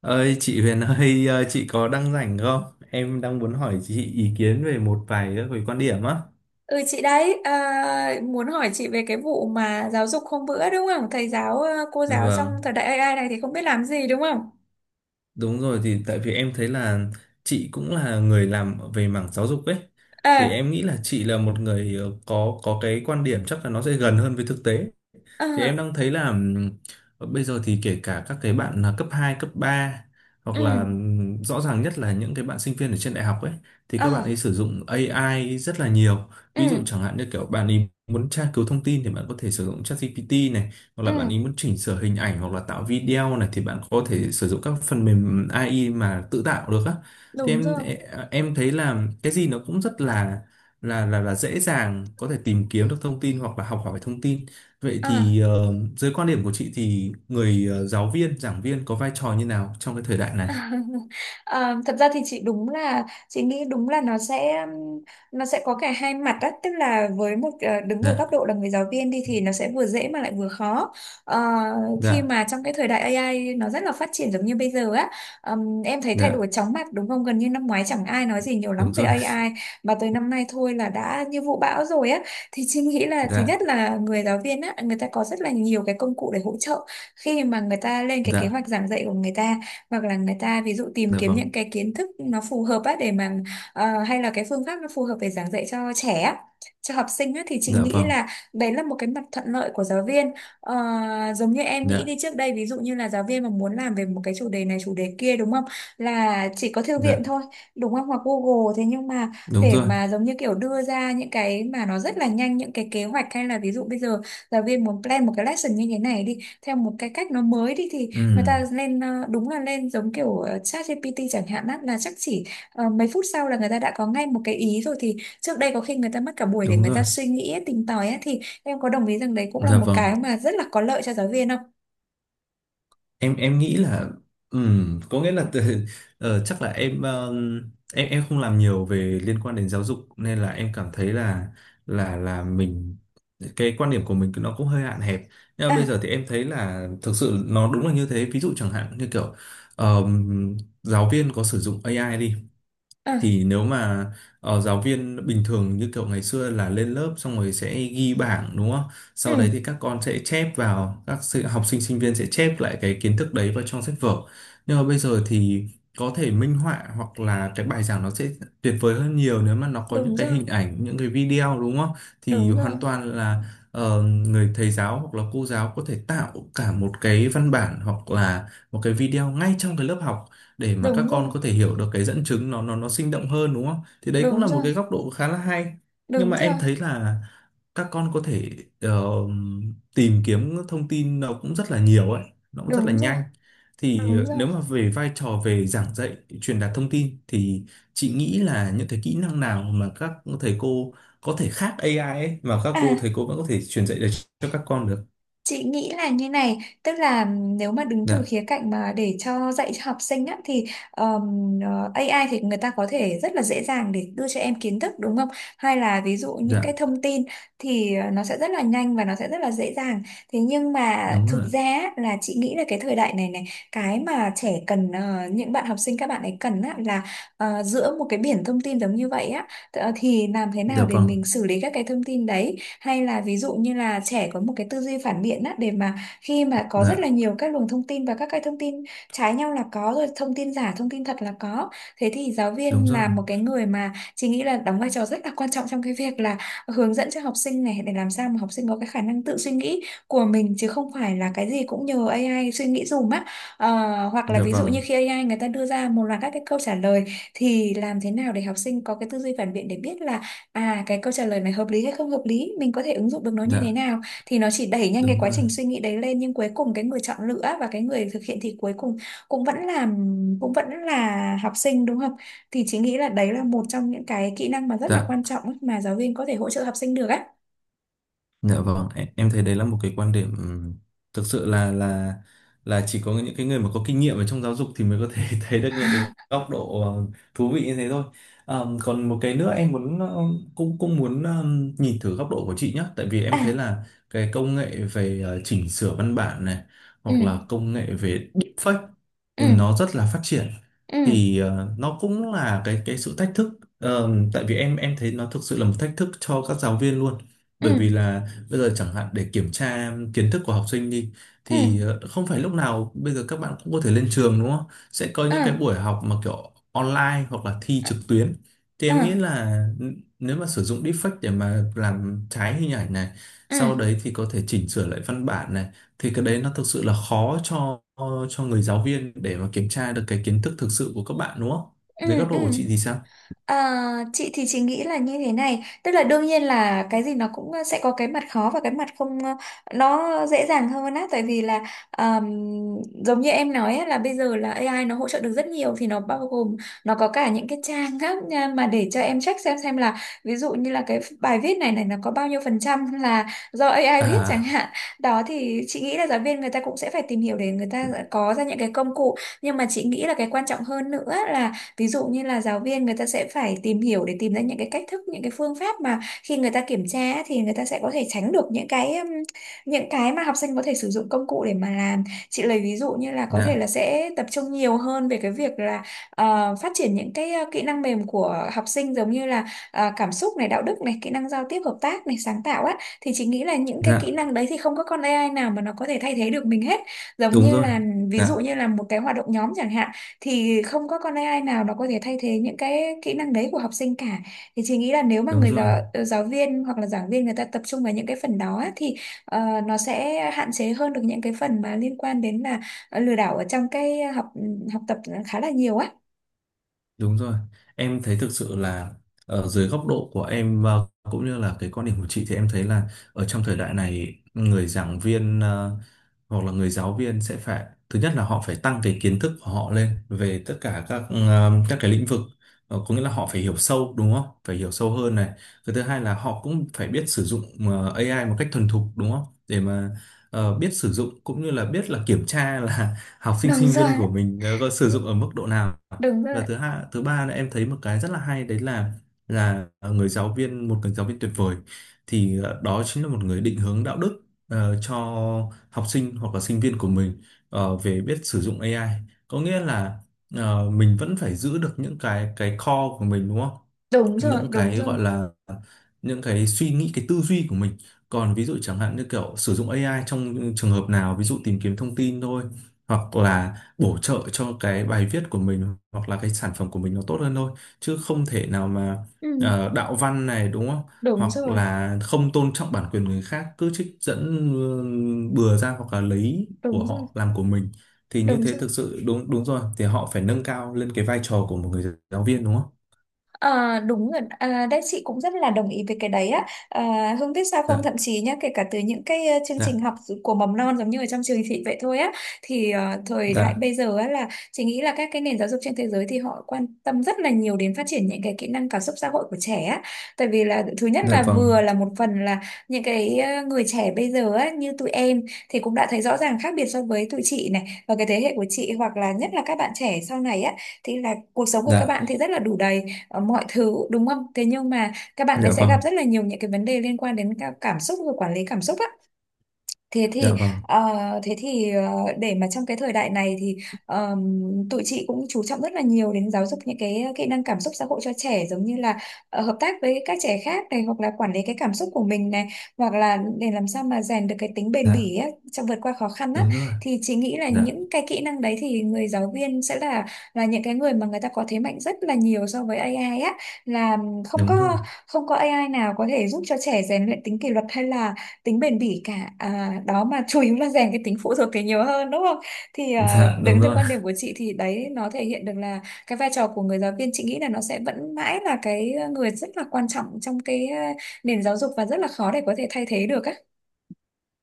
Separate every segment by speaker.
Speaker 1: Ơi chị Huyền ơi, chị có đang rảnh không? Em đang muốn hỏi chị ý kiến về một vài các cái quan điểm á.
Speaker 2: Ừ chị đấy à, muốn hỏi chị về cái vụ mà giáo dục hôm bữa đúng không? Thầy giáo cô giáo trong thời
Speaker 1: Vâng,
Speaker 2: đại AI này thì không biết làm gì đúng không?
Speaker 1: đúng rồi, thì tại vì em thấy là chị cũng là người làm về mảng giáo dục ấy. Thì
Speaker 2: À,
Speaker 1: em nghĩ là chị là một người có cái quan điểm chắc là nó sẽ gần hơn với thực tế. Thì em
Speaker 2: à,
Speaker 1: đang thấy là, bây giờ thì kể cả các cái bạn là cấp 2 cấp 3 hoặc là,
Speaker 2: ừ,
Speaker 1: rõ ràng nhất là những cái bạn sinh viên ở trên đại học ấy, thì các bạn
Speaker 2: à,
Speaker 1: ấy sử dụng AI rất là nhiều. Ví
Speaker 2: ừ,
Speaker 1: dụ chẳng hạn như kiểu bạn ấy muốn tra cứu thông tin thì bạn có thể sử dụng ChatGPT này, hoặc
Speaker 2: ừ,
Speaker 1: là bạn ấy muốn chỉnh sửa hình ảnh hoặc là tạo video này thì bạn có thể sử dụng các phần mềm AI mà tự tạo được á. Thì
Speaker 2: đúng
Speaker 1: em
Speaker 2: rồi.
Speaker 1: em thấy là cái gì nó cũng rất là dễ dàng có thể tìm kiếm được thông tin hoặc là học hỏi thông tin. Vậy
Speaker 2: À,
Speaker 1: thì, dưới quan điểm của chị thì người, giáo viên, giảng viên có vai trò như nào trong cái thời đại này?
Speaker 2: Ờ, thật ra thì chị đúng là chị nghĩ đúng là nó sẽ có cả hai mặt á, tức là với một đứng ở
Speaker 1: Dạ,
Speaker 2: góc độ là người giáo viên đi thì nó sẽ vừa dễ mà lại vừa khó. Ờ, Khi
Speaker 1: dạ,
Speaker 2: mà trong cái thời đại AI nó rất là phát triển giống như bây giờ á, em thấy thay đổi
Speaker 1: dạ,
Speaker 2: chóng mặt đúng không, gần như năm ngoái chẳng ai nói gì nhiều lắm
Speaker 1: đúng
Speaker 2: về
Speaker 1: rồi.
Speaker 2: AI, mà tới năm nay thôi là đã như vụ bão rồi á, thì chị nghĩ là thứ
Speaker 1: Dạ,
Speaker 2: nhất là người giáo viên á, người ta có rất là nhiều cái công cụ để hỗ trợ khi mà người ta lên cái kế
Speaker 1: dạ,
Speaker 2: hoạch giảng dạy của người ta, hoặc là người ta ví dụ tìm
Speaker 1: dạ
Speaker 2: kiếm
Speaker 1: vâng,
Speaker 2: những cái kiến thức nó phù hợp á để mà hay là cái phương pháp nó phù hợp để giảng dạy cho trẻ á, cho học sinh á, thì chị
Speaker 1: dạ
Speaker 2: nghĩ
Speaker 1: vâng,
Speaker 2: là đấy là một cái mặt thuận lợi của giáo viên. Ờ, Giống như em nghĩ
Speaker 1: dạ,
Speaker 2: đi, trước đây ví dụ như là giáo viên mà muốn làm về một cái chủ đề này chủ đề kia đúng không, là chỉ có thư viện
Speaker 1: dạ,
Speaker 2: thôi đúng không, hoặc Google, thế nhưng mà
Speaker 1: đúng
Speaker 2: để
Speaker 1: rồi.
Speaker 2: mà giống như kiểu đưa ra những cái mà nó rất là nhanh, những cái kế hoạch hay là ví dụ bây giờ giáo viên muốn plan một cái lesson như thế này đi theo một cái cách nó mới đi thì
Speaker 1: Ừ,
Speaker 2: người ta lên đúng là lên giống kiểu ChatGPT chẳng hạn á, là chắc chỉ mấy phút sau là người ta đã có ngay một cái ý rồi, thì trước đây có khi người ta mất cả buổi để
Speaker 1: đúng
Speaker 2: người
Speaker 1: rồi.
Speaker 2: ta suy nghĩ ấy, tìm tòi ấy, thì em có đồng ý rằng đấy cũng là
Speaker 1: Dạ
Speaker 2: một
Speaker 1: vâng.
Speaker 2: cái mà rất là có lợi cho giáo viên không?
Speaker 1: Em nghĩ là, có nghĩa là từ, chắc là em, em không làm nhiều về liên quan đến giáo dục, nên là em cảm thấy là mình, cái quan điểm của mình nó cũng hơi hạn hẹp. Nhưng mà bây
Speaker 2: À,
Speaker 1: giờ thì em thấy là thực sự nó đúng là như thế. Ví dụ chẳng hạn như kiểu, ờm, giáo viên có sử dụng AI đi,
Speaker 2: à,
Speaker 1: thì nếu mà, giáo viên bình thường như kiểu ngày xưa là lên lớp xong rồi sẽ ghi bảng đúng không? Sau đấy
Speaker 2: ừ,
Speaker 1: thì các con sẽ chép vào học sinh sinh viên sẽ chép lại cái kiến thức đấy vào trong sách vở. Nhưng mà bây giờ thì có thể minh họa hoặc là cái bài giảng nó sẽ tuyệt vời hơn nhiều nếu mà nó có những
Speaker 2: đúng
Speaker 1: cái
Speaker 2: rồi,
Speaker 1: hình ảnh, những cái video đúng không? Thì
Speaker 2: đúng rồi,
Speaker 1: hoàn toàn là, người thầy giáo hoặc là cô giáo có thể tạo cả một cái văn bản hoặc là một cái video ngay trong cái lớp học, để mà các
Speaker 2: đúng rồi,
Speaker 1: con có thể hiểu được cái dẫn chứng nó sinh động hơn đúng không? Thì đấy cũng
Speaker 2: đúng
Speaker 1: là một
Speaker 2: rồi,
Speaker 1: cái góc độ khá là hay. Nhưng
Speaker 2: đúng
Speaker 1: mà em
Speaker 2: rồi,
Speaker 1: thấy là các con có thể, ờ, tìm kiếm thông tin nó cũng rất là nhiều ấy, nó cũng rất là
Speaker 2: đúng rồi,
Speaker 1: nhanh.
Speaker 2: đúng rồi,
Speaker 1: Thì,
Speaker 2: đúng
Speaker 1: nếu
Speaker 2: rồi.
Speaker 1: mà về vai trò về giảng dạy, truyền đạt thông tin thì chị nghĩ là những cái kỹ năng nào mà các thầy cô có thể khác AI ấy, mà các cô
Speaker 2: À,
Speaker 1: thầy cô vẫn có thể truyền dạy được cho các con được.
Speaker 2: chị nghĩ là như này, tức là nếu mà đứng từ
Speaker 1: Dạ,
Speaker 2: khía cạnh mà để cho dạy cho học sinh á, thì AI thì người ta có thể rất là dễ dàng để đưa cho em kiến thức đúng không? Hay là ví dụ những cái
Speaker 1: dạ,
Speaker 2: thông tin thì nó sẽ rất là nhanh và nó sẽ rất là dễ dàng. Thế nhưng mà
Speaker 1: đúng
Speaker 2: thực
Speaker 1: rồi.
Speaker 2: ra á, là chị nghĩ là cái thời đại này này, cái mà trẻ cần những bạn học sinh, các bạn ấy cần á, là giữa một cái biển thông tin giống như vậy á, thì làm thế
Speaker 1: Dạ
Speaker 2: nào để
Speaker 1: vâng,
Speaker 2: mình xử lý các cái thông tin đấy, hay là ví dụ như là trẻ có một cái tư duy phản biện á để mà khi mà có rất là
Speaker 1: dạ,
Speaker 2: nhiều các luồng thông tin và các cái thông tin trái nhau là có, rồi thông tin giả thông tin thật là có, thế thì giáo
Speaker 1: đúng
Speaker 2: viên
Speaker 1: rồi.
Speaker 2: là một cái người mà chị nghĩ là đóng vai trò rất là quan trọng trong cái việc là hướng dẫn cho học sinh này, để làm sao mà học sinh có cái khả năng tự suy nghĩ của mình chứ không phải là cái gì cũng nhờ AI suy nghĩ dùm á. Ờ, Hoặc là
Speaker 1: Dạ
Speaker 2: ví dụ như
Speaker 1: vâng.
Speaker 2: khi AI người ta đưa ra một loạt các cái câu trả lời thì làm thế nào để học sinh có cái tư duy phản biện để biết là à, cái câu trả lời này hợp lý hay không hợp lý, mình có thể ứng dụng được nó như thế
Speaker 1: Dạ.
Speaker 2: nào, thì nó chỉ đẩy nhanh cái
Speaker 1: Đúng
Speaker 2: quá
Speaker 1: rồi.
Speaker 2: trình suy nghĩ đấy lên nhưng cuối cùng cái người chọn lựa và cái người thực hiện thì cuối cùng cũng vẫn là cũng vẫn là học sinh đúng không? Thì chị nghĩ là đấy là một trong những cái kỹ năng mà rất là
Speaker 1: Dạ.
Speaker 2: quan trọng ấy mà giáo viên có thể hỗ trợ học sinh được á.
Speaker 1: Dạ vâng, em thấy đấy là một cái quan điểm, thực sự là chỉ có những cái người mà có kinh nghiệm ở trong giáo dục thì mới có thể thấy được những cái góc độ, thú vị như thế thôi. Còn một cái nữa em muốn, cũng cũng muốn, nhìn thử góc độ của chị nhé, tại vì em thấy
Speaker 2: À,
Speaker 1: là cái công nghệ về, chỉnh sửa văn bản này
Speaker 2: ừ,
Speaker 1: hoặc là công nghệ về deepfake,
Speaker 2: ừ,
Speaker 1: ừ, nó rất là phát triển,
Speaker 2: ừ,
Speaker 1: thì, nó cũng là cái sự thách thức. Tại vì em thấy nó thực sự là một thách thức cho các giáo viên luôn,
Speaker 2: ừ,
Speaker 1: bởi vì là bây giờ chẳng hạn để kiểm tra kiến thức của học sinh đi, thì,
Speaker 2: ừ,
Speaker 1: không phải lúc nào bây giờ các bạn cũng có thể lên trường đúng không? Sẽ có
Speaker 2: ừ,
Speaker 1: những
Speaker 2: ừ,
Speaker 1: cái buổi học mà kiểu online hoặc là thi trực tuyến. Thì
Speaker 2: ừ,
Speaker 1: em nghĩ là nếu mà sử dụng deepfake để mà làm trái hình ảnh này,
Speaker 2: ừ,
Speaker 1: sau đấy thì có thể chỉnh sửa lại văn bản này, thì cái đấy nó thực sự là khó cho người giáo viên để mà kiểm tra được cái kiến thức thực sự của các bạn đúng không?
Speaker 2: ừ.
Speaker 1: Dưới góc độ của
Speaker 2: Ừ.
Speaker 1: chị thì sao?
Speaker 2: À, chị thì chị nghĩ là như thế này, tức là đương nhiên là cái gì nó cũng sẽ có cái mặt khó và cái mặt không nó dễ dàng hơn á tại vì là ờm, giống như em nói á, là bây giờ là AI nó hỗ trợ được rất nhiều thì nó bao gồm nó có cả những cái trang á nha, mà để cho em check xem là ví dụ như là cái bài viết này này nó có bao nhiêu phần trăm là do AI viết chẳng
Speaker 1: À,
Speaker 2: hạn, đó thì chị nghĩ là giáo viên người ta cũng sẽ phải tìm hiểu để người ta có ra những cái công cụ, nhưng mà chị nghĩ là cái quan trọng hơn nữa, ví dụ như là giáo viên người ta sẽ phải tìm hiểu để tìm ra những cái cách thức, những cái phương pháp mà khi người ta kiểm tra á, thì người ta sẽ có thể tránh được những cái mà học sinh có thể sử dụng công cụ để mà làm. Chị lấy ví dụ như là có thể là
Speaker 1: dạ,
Speaker 2: sẽ tập trung nhiều hơn về cái việc là phát triển những cái kỹ năng mềm của học sinh giống như là cảm xúc này, đạo đức này, kỹ năng giao tiếp hợp tác này, sáng tạo á, thì chị nghĩ là những cái kỹ
Speaker 1: dạ,
Speaker 2: năng đấy thì không có con AI nào mà nó có thể thay thế được mình hết, giống
Speaker 1: đúng
Speaker 2: như
Speaker 1: rồi.
Speaker 2: là ví dụ
Speaker 1: Dạ,
Speaker 2: như là một cái hoạt động nhóm chẳng hạn thì không có con AI nào nó có thể thay thế những cái kỹ năng đấy của học sinh cả, thì chị nghĩ là nếu mà
Speaker 1: đúng
Speaker 2: người
Speaker 1: rồi.
Speaker 2: giáo viên hoặc là giảng viên người ta tập trung vào những cái phần đó á, thì ờ, nó sẽ hạn chế hơn được những cái phần mà liên quan đến là lừa đảo ở trong cái học ừ, học tập khá là nhiều á.
Speaker 1: Đúng rồi, em thấy thực sự là ở dưới góc độ của em, và cũng như là cái quan điểm của chị, thì em thấy là ở trong thời đại này người giảng viên, hoặc là người giáo viên sẽ phải, thứ nhất là họ phải tăng cái kiến thức của họ lên về tất cả các, các cái lĩnh vực. Có nghĩa là họ phải hiểu sâu đúng không? Phải hiểu sâu hơn này. Cái thứ hai là họ cũng phải biết sử dụng, AI một cách thuần thục đúng không? Để mà, biết sử dụng cũng như là biết là kiểm tra là học sinh
Speaker 2: Đúng
Speaker 1: sinh
Speaker 2: rồi,
Speaker 1: viên của mình, có sử dụng ở mức độ nào.
Speaker 2: đúng rồi,
Speaker 1: Và thứ hai, thứ ba là em thấy một cái rất là hay đấy là, người giáo viên, một người giáo viên tuyệt vời, thì, đó chính là một người định hướng đạo đức, cho học sinh hoặc là sinh viên của mình, về biết sử dụng AI. Có nghĩa là, mình vẫn phải giữ được những cái core của mình đúng không,
Speaker 2: đúng rồi,
Speaker 1: những
Speaker 2: đúng
Speaker 1: cái
Speaker 2: rồi,
Speaker 1: gọi là những cái suy nghĩ, cái tư duy của mình, còn ví dụ chẳng hạn như kiểu sử dụng AI trong trường hợp nào, ví dụ tìm kiếm thông tin thôi, hoặc là bổ trợ cho cái bài viết của mình hoặc là cái sản phẩm của mình nó tốt hơn thôi, chứ không thể nào mà,
Speaker 2: ừ,
Speaker 1: đạo văn này đúng không,
Speaker 2: đúng
Speaker 1: hoặc
Speaker 2: rồi,
Speaker 1: là không tôn trọng bản quyền người khác, cứ trích dẫn, ừ, bừa ra, hoặc là lấy của
Speaker 2: đúng rồi,
Speaker 1: họ làm của mình. Thì như
Speaker 2: đúng
Speaker 1: thế
Speaker 2: rồi.
Speaker 1: thực sự đúng, đúng rồi, thì họ phải nâng cao lên cái vai trò của một người giáo viên đúng không?
Speaker 2: À, đúng rồi, à, đấy chị cũng rất là đồng ý với cái đấy á, à, Hương biết sao không,
Speaker 1: Dạ.
Speaker 2: thậm chí nhá, kể cả từ những cái chương
Speaker 1: Dạ.
Speaker 2: trình học của mầm non giống như ở trong trường thị vậy thôi á, thì thời đại
Speaker 1: Dạ.
Speaker 2: bây giờ á là chị nghĩ là các cái nền giáo dục trên thế giới thì họ quan tâm rất là nhiều đến phát triển những cái kỹ năng cảm xúc xã hội của trẻ á, tại vì là thứ nhất
Speaker 1: Dạ
Speaker 2: là
Speaker 1: vâng.
Speaker 2: vừa là một phần là những cái người trẻ bây giờ á như tụi em thì cũng đã thấy rõ ràng khác biệt so với tụi chị này và cái thế hệ của chị, hoặc là nhất là các bạn trẻ sau này á thì là cuộc sống của các
Speaker 1: Dạ.
Speaker 2: bạn thì rất là đủ đầy mọi thứ đúng không, thế nhưng mà các bạn ấy
Speaker 1: Dạ
Speaker 2: sẽ gặp
Speaker 1: vâng.
Speaker 2: rất là nhiều những cái vấn đề liên quan đến cả cảm xúc và quản lý cảm xúc á. Thế thì
Speaker 1: Dạ vâng.
Speaker 2: ờ, thế thì ờ, để mà trong cái thời đại này thì ờm, tụi chị cũng chú trọng rất là nhiều đến giáo dục những cái kỹ năng cảm xúc xã hội cho trẻ, giống như là hợp tác với các trẻ khác này hoặc là quản lý cái cảm xúc của mình này hoặc là để làm sao mà rèn được cái tính bền
Speaker 1: Dạ,
Speaker 2: bỉ á, trong vượt qua khó khăn á,
Speaker 1: đúng rồi.
Speaker 2: thì chị nghĩ là
Speaker 1: Dạ,
Speaker 2: những cái kỹ năng đấy thì người giáo viên sẽ là những cái người mà người ta có thế mạnh rất là nhiều so với AI á, là không
Speaker 1: đúng rồi.
Speaker 2: có không có AI nào có thể giúp cho trẻ rèn luyện tính kỷ luật hay là tính bền bỉ cả, à, đó mà chủ yếu là rèn cái tính phụ thuộc thì nhiều hơn đúng không, thì à,
Speaker 1: Dạ, đúng
Speaker 2: đứng từ
Speaker 1: rồi.
Speaker 2: quan điểm của chị thì đấy nó thể hiện được là cái vai trò của người giáo viên, chị nghĩ là nó sẽ vẫn mãi là cái người rất là quan trọng trong cái à, nền giáo dục và rất là khó để có thể thay thế được á.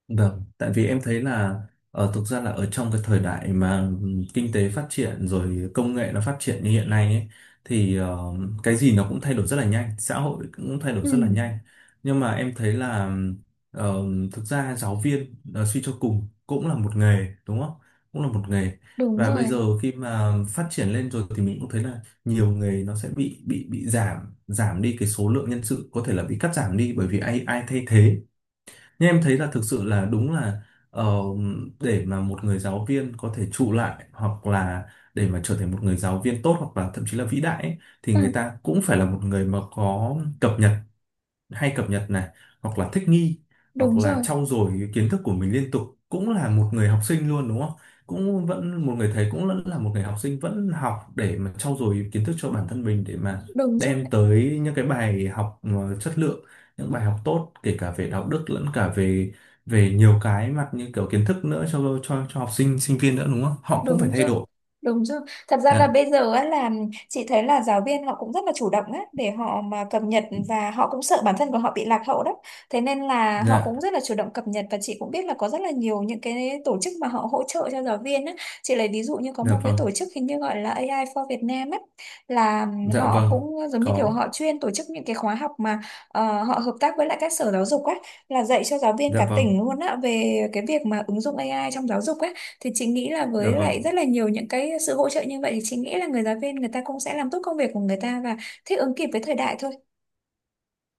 Speaker 1: Vâng, tại vì em thấy là ở thực ra là ở trong cái thời đại mà, kinh tế phát triển rồi, công nghệ nó phát triển như hiện nay ấy, thì, cái gì nó cũng thay đổi rất là nhanh, xã hội cũng thay đổi
Speaker 2: Ừ,
Speaker 1: rất là nhanh. Nhưng mà em thấy là, ờ, thực ra giáo viên, suy cho cùng cũng là một nghề đúng không? Cũng là một nghề.
Speaker 2: đúng
Speaker 1: Và bây
Speaker 2: rồi,
Speaker 1: giờ khi mà phát triển lên rồi thì mình cũng thấy là nhiều nghề nó sẽ bị giảm giảm đi cái số lượng nhân sự, có thể là bị cắt giảm đi bởi vì ai ai thay thế. Nhưng em thấy là thực sự là đúng là, ờ, để mà một người giáo viên có thể trụ lại, hoặc là để mà trở thành một người giáo viên tốt, hoặc là thậm chí là vĩ đại ấy, thì
Speaker 2: ừ,
Speaker 1: người ta cũng phải là một người mà có cập nhật, hay cập nhật này, hoặc là thích nghi, hoặc
Speaker 2: đúng
Speaker 1: là
Speaker 2: rồi,
Speaker 1: trau dồi cái kiến thức của mình liên tục, cũng là một người học sinh luôn đúng không, cũng vẫn một người thầy cũng vẫn là một người học sinh, vẫn học để mà trau dồi kiến thức cho bản thân mình, để mà
Speaker 2: đúng rồi.
Speaker 1: đem tới những cái bài học mà chất lượng, những bài học tốt, kể cả về đạo đức lẫn cả về, về nhiều cái mặt như kiểu kiến thức nữa, cho cho học sinh sinh viên nữa đúng không, họ cũng phải
Speaker 2: Đúng
Speaker 1: thay
Speaker 2: rồi,
Speaker 1: đổi.
Speaker 2: đúng rồi. Thật ra là
Speaker 1: Dạ.
Speaker 2: bây giờ á, là chị thấy là giáo viên họ cũng rất là chủ động á, để họ mà cập nhật và họ cũng sợ bản thân của họ bị lạc hậu đó. Thế nên là họ
Speaker 1: Dạ.
Speaker 2: cũng rất là chủ động cập nhật và chị cũng biết là có rất là nhiều những cái tổ chức mà họ hỗ trợ cho giáo viên á. Chị lấy ví dụ như có
Speaker 1: Dạ
Speaker 2: một cái
Speaker 1: vâng.
Speaker 2: tổ chức hình như gọi là AI for Việt Nam á, là
Speaker 1: Dạ
Speaker 2: họ
Speaker 1: vâng.
Speaker 2: cũng giống như kiểu
Speaker 1: Có.
Speaker 2: họ chuyên tổ chức những cái khóa học mà họ hợp tác với lại các sở giáo dục á, là dạy cho giáo viên
Speaker 1: Dạ
Speaker 2: cả
Speaker 1: vâng.
Speaker 2: tỉnh luôn á về cái việc mà ứng dụng AI trong giáo dục á, thì chị nghĩ là với
Speaker 1: Dạ
Speaker 2: lại
Speaker 1: vâng.
Speaker 2: rất là nhiều những cái sự hỗ trợ như vậy thì chị nghĩ là người giáo viên người ta cũng sẽ làm tốt công việc của người ta và thích ứng kịp với thời đại thôi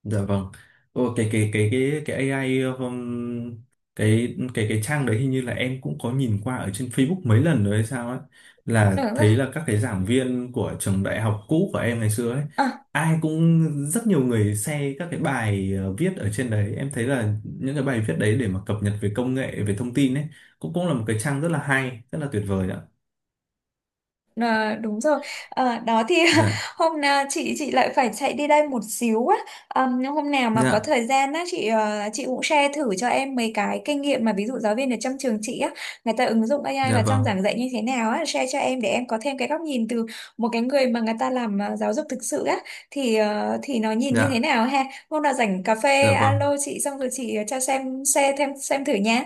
Speaker 1: Dạ vâng. Ồ, cái AI, cái trang đấy hình như là em cũng có nhìn qua ở trên Facebook mấy lần rồi hay sao ấy, là
Speaker 2: đúng không
Speaker 1: thấy là các cái giảng viên của trường đại học cũ của em ngày xưa ấy,
Speaker 2: ạ.
Speaker 1: ai cũng, rất nhiều người share các cái bài, viết ở trên đấy, em thấy là những cái bài viết đấy để mà cập nhật về công nghệ, về thông tin ấy, cũng cũng là một cái trang rất là hay, rất là tuyệt vời ạ.
Speaker 2: À, đúng rồi. Đó thì
Speaker 1: Dạ.
Speaker 2: hôm nào chị lại phải chạy đi đây một xíu á. Nhưng hôm nào mà có
Speaker 1: Dạ.
Speaker 2: thời gian á, chị cũng share thử cho em mấy cái kinh nghiệm mà ví dụ giáo viên ở trong trường chị á, người ta ứng dụng AI
Speaker 1: Dạ
Speaker 2: vào trong
Speaker 1: vâng.
Speaker 2: giảng dạy như thế nào á, share cho em để em có thêm cái góc nhìn từ một cái người mà người ta làm giáo dục thực sự á, thì nó nhìn như thế
Speaker 1: Dạ.
Speaker 2: nào ha, hôm nào rảnh cà
Speaker 1: Dạ
Speaker 2: phê
Speaker 1: vâng.
Speaker 2: alo chị xong rồi chị cho xem share thêm xem thử nha.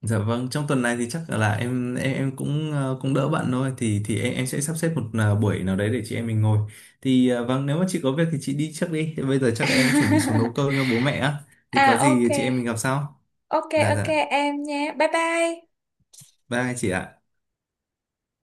Speaker 1: Dạ vâng, trong tuần này thì chắc là em cũng, cũng đỡ bạn thôi, thì em sẽ sắp xếp một, buổi nào đấy để chị em mình ngồi. Thì, vâng, nếu mà chị có việc thì chị đi trước đi. Bây giờ chắc em cũng chuẩn bị xuống nấu cơm cho bố mẹ á. Thì
Speaker 2: À,
Speaker 1: có
Speaker 2: ok.
Speaker 1: gì chị em mình gặp sau.
Speaker 2: Ok,
Speaker 1: Dạ,
Speaker 2: ok,
Speaker 1: dạ.
Speaker 2: em nhé. Bye bye.
Speaker 1: Bye chị ạ.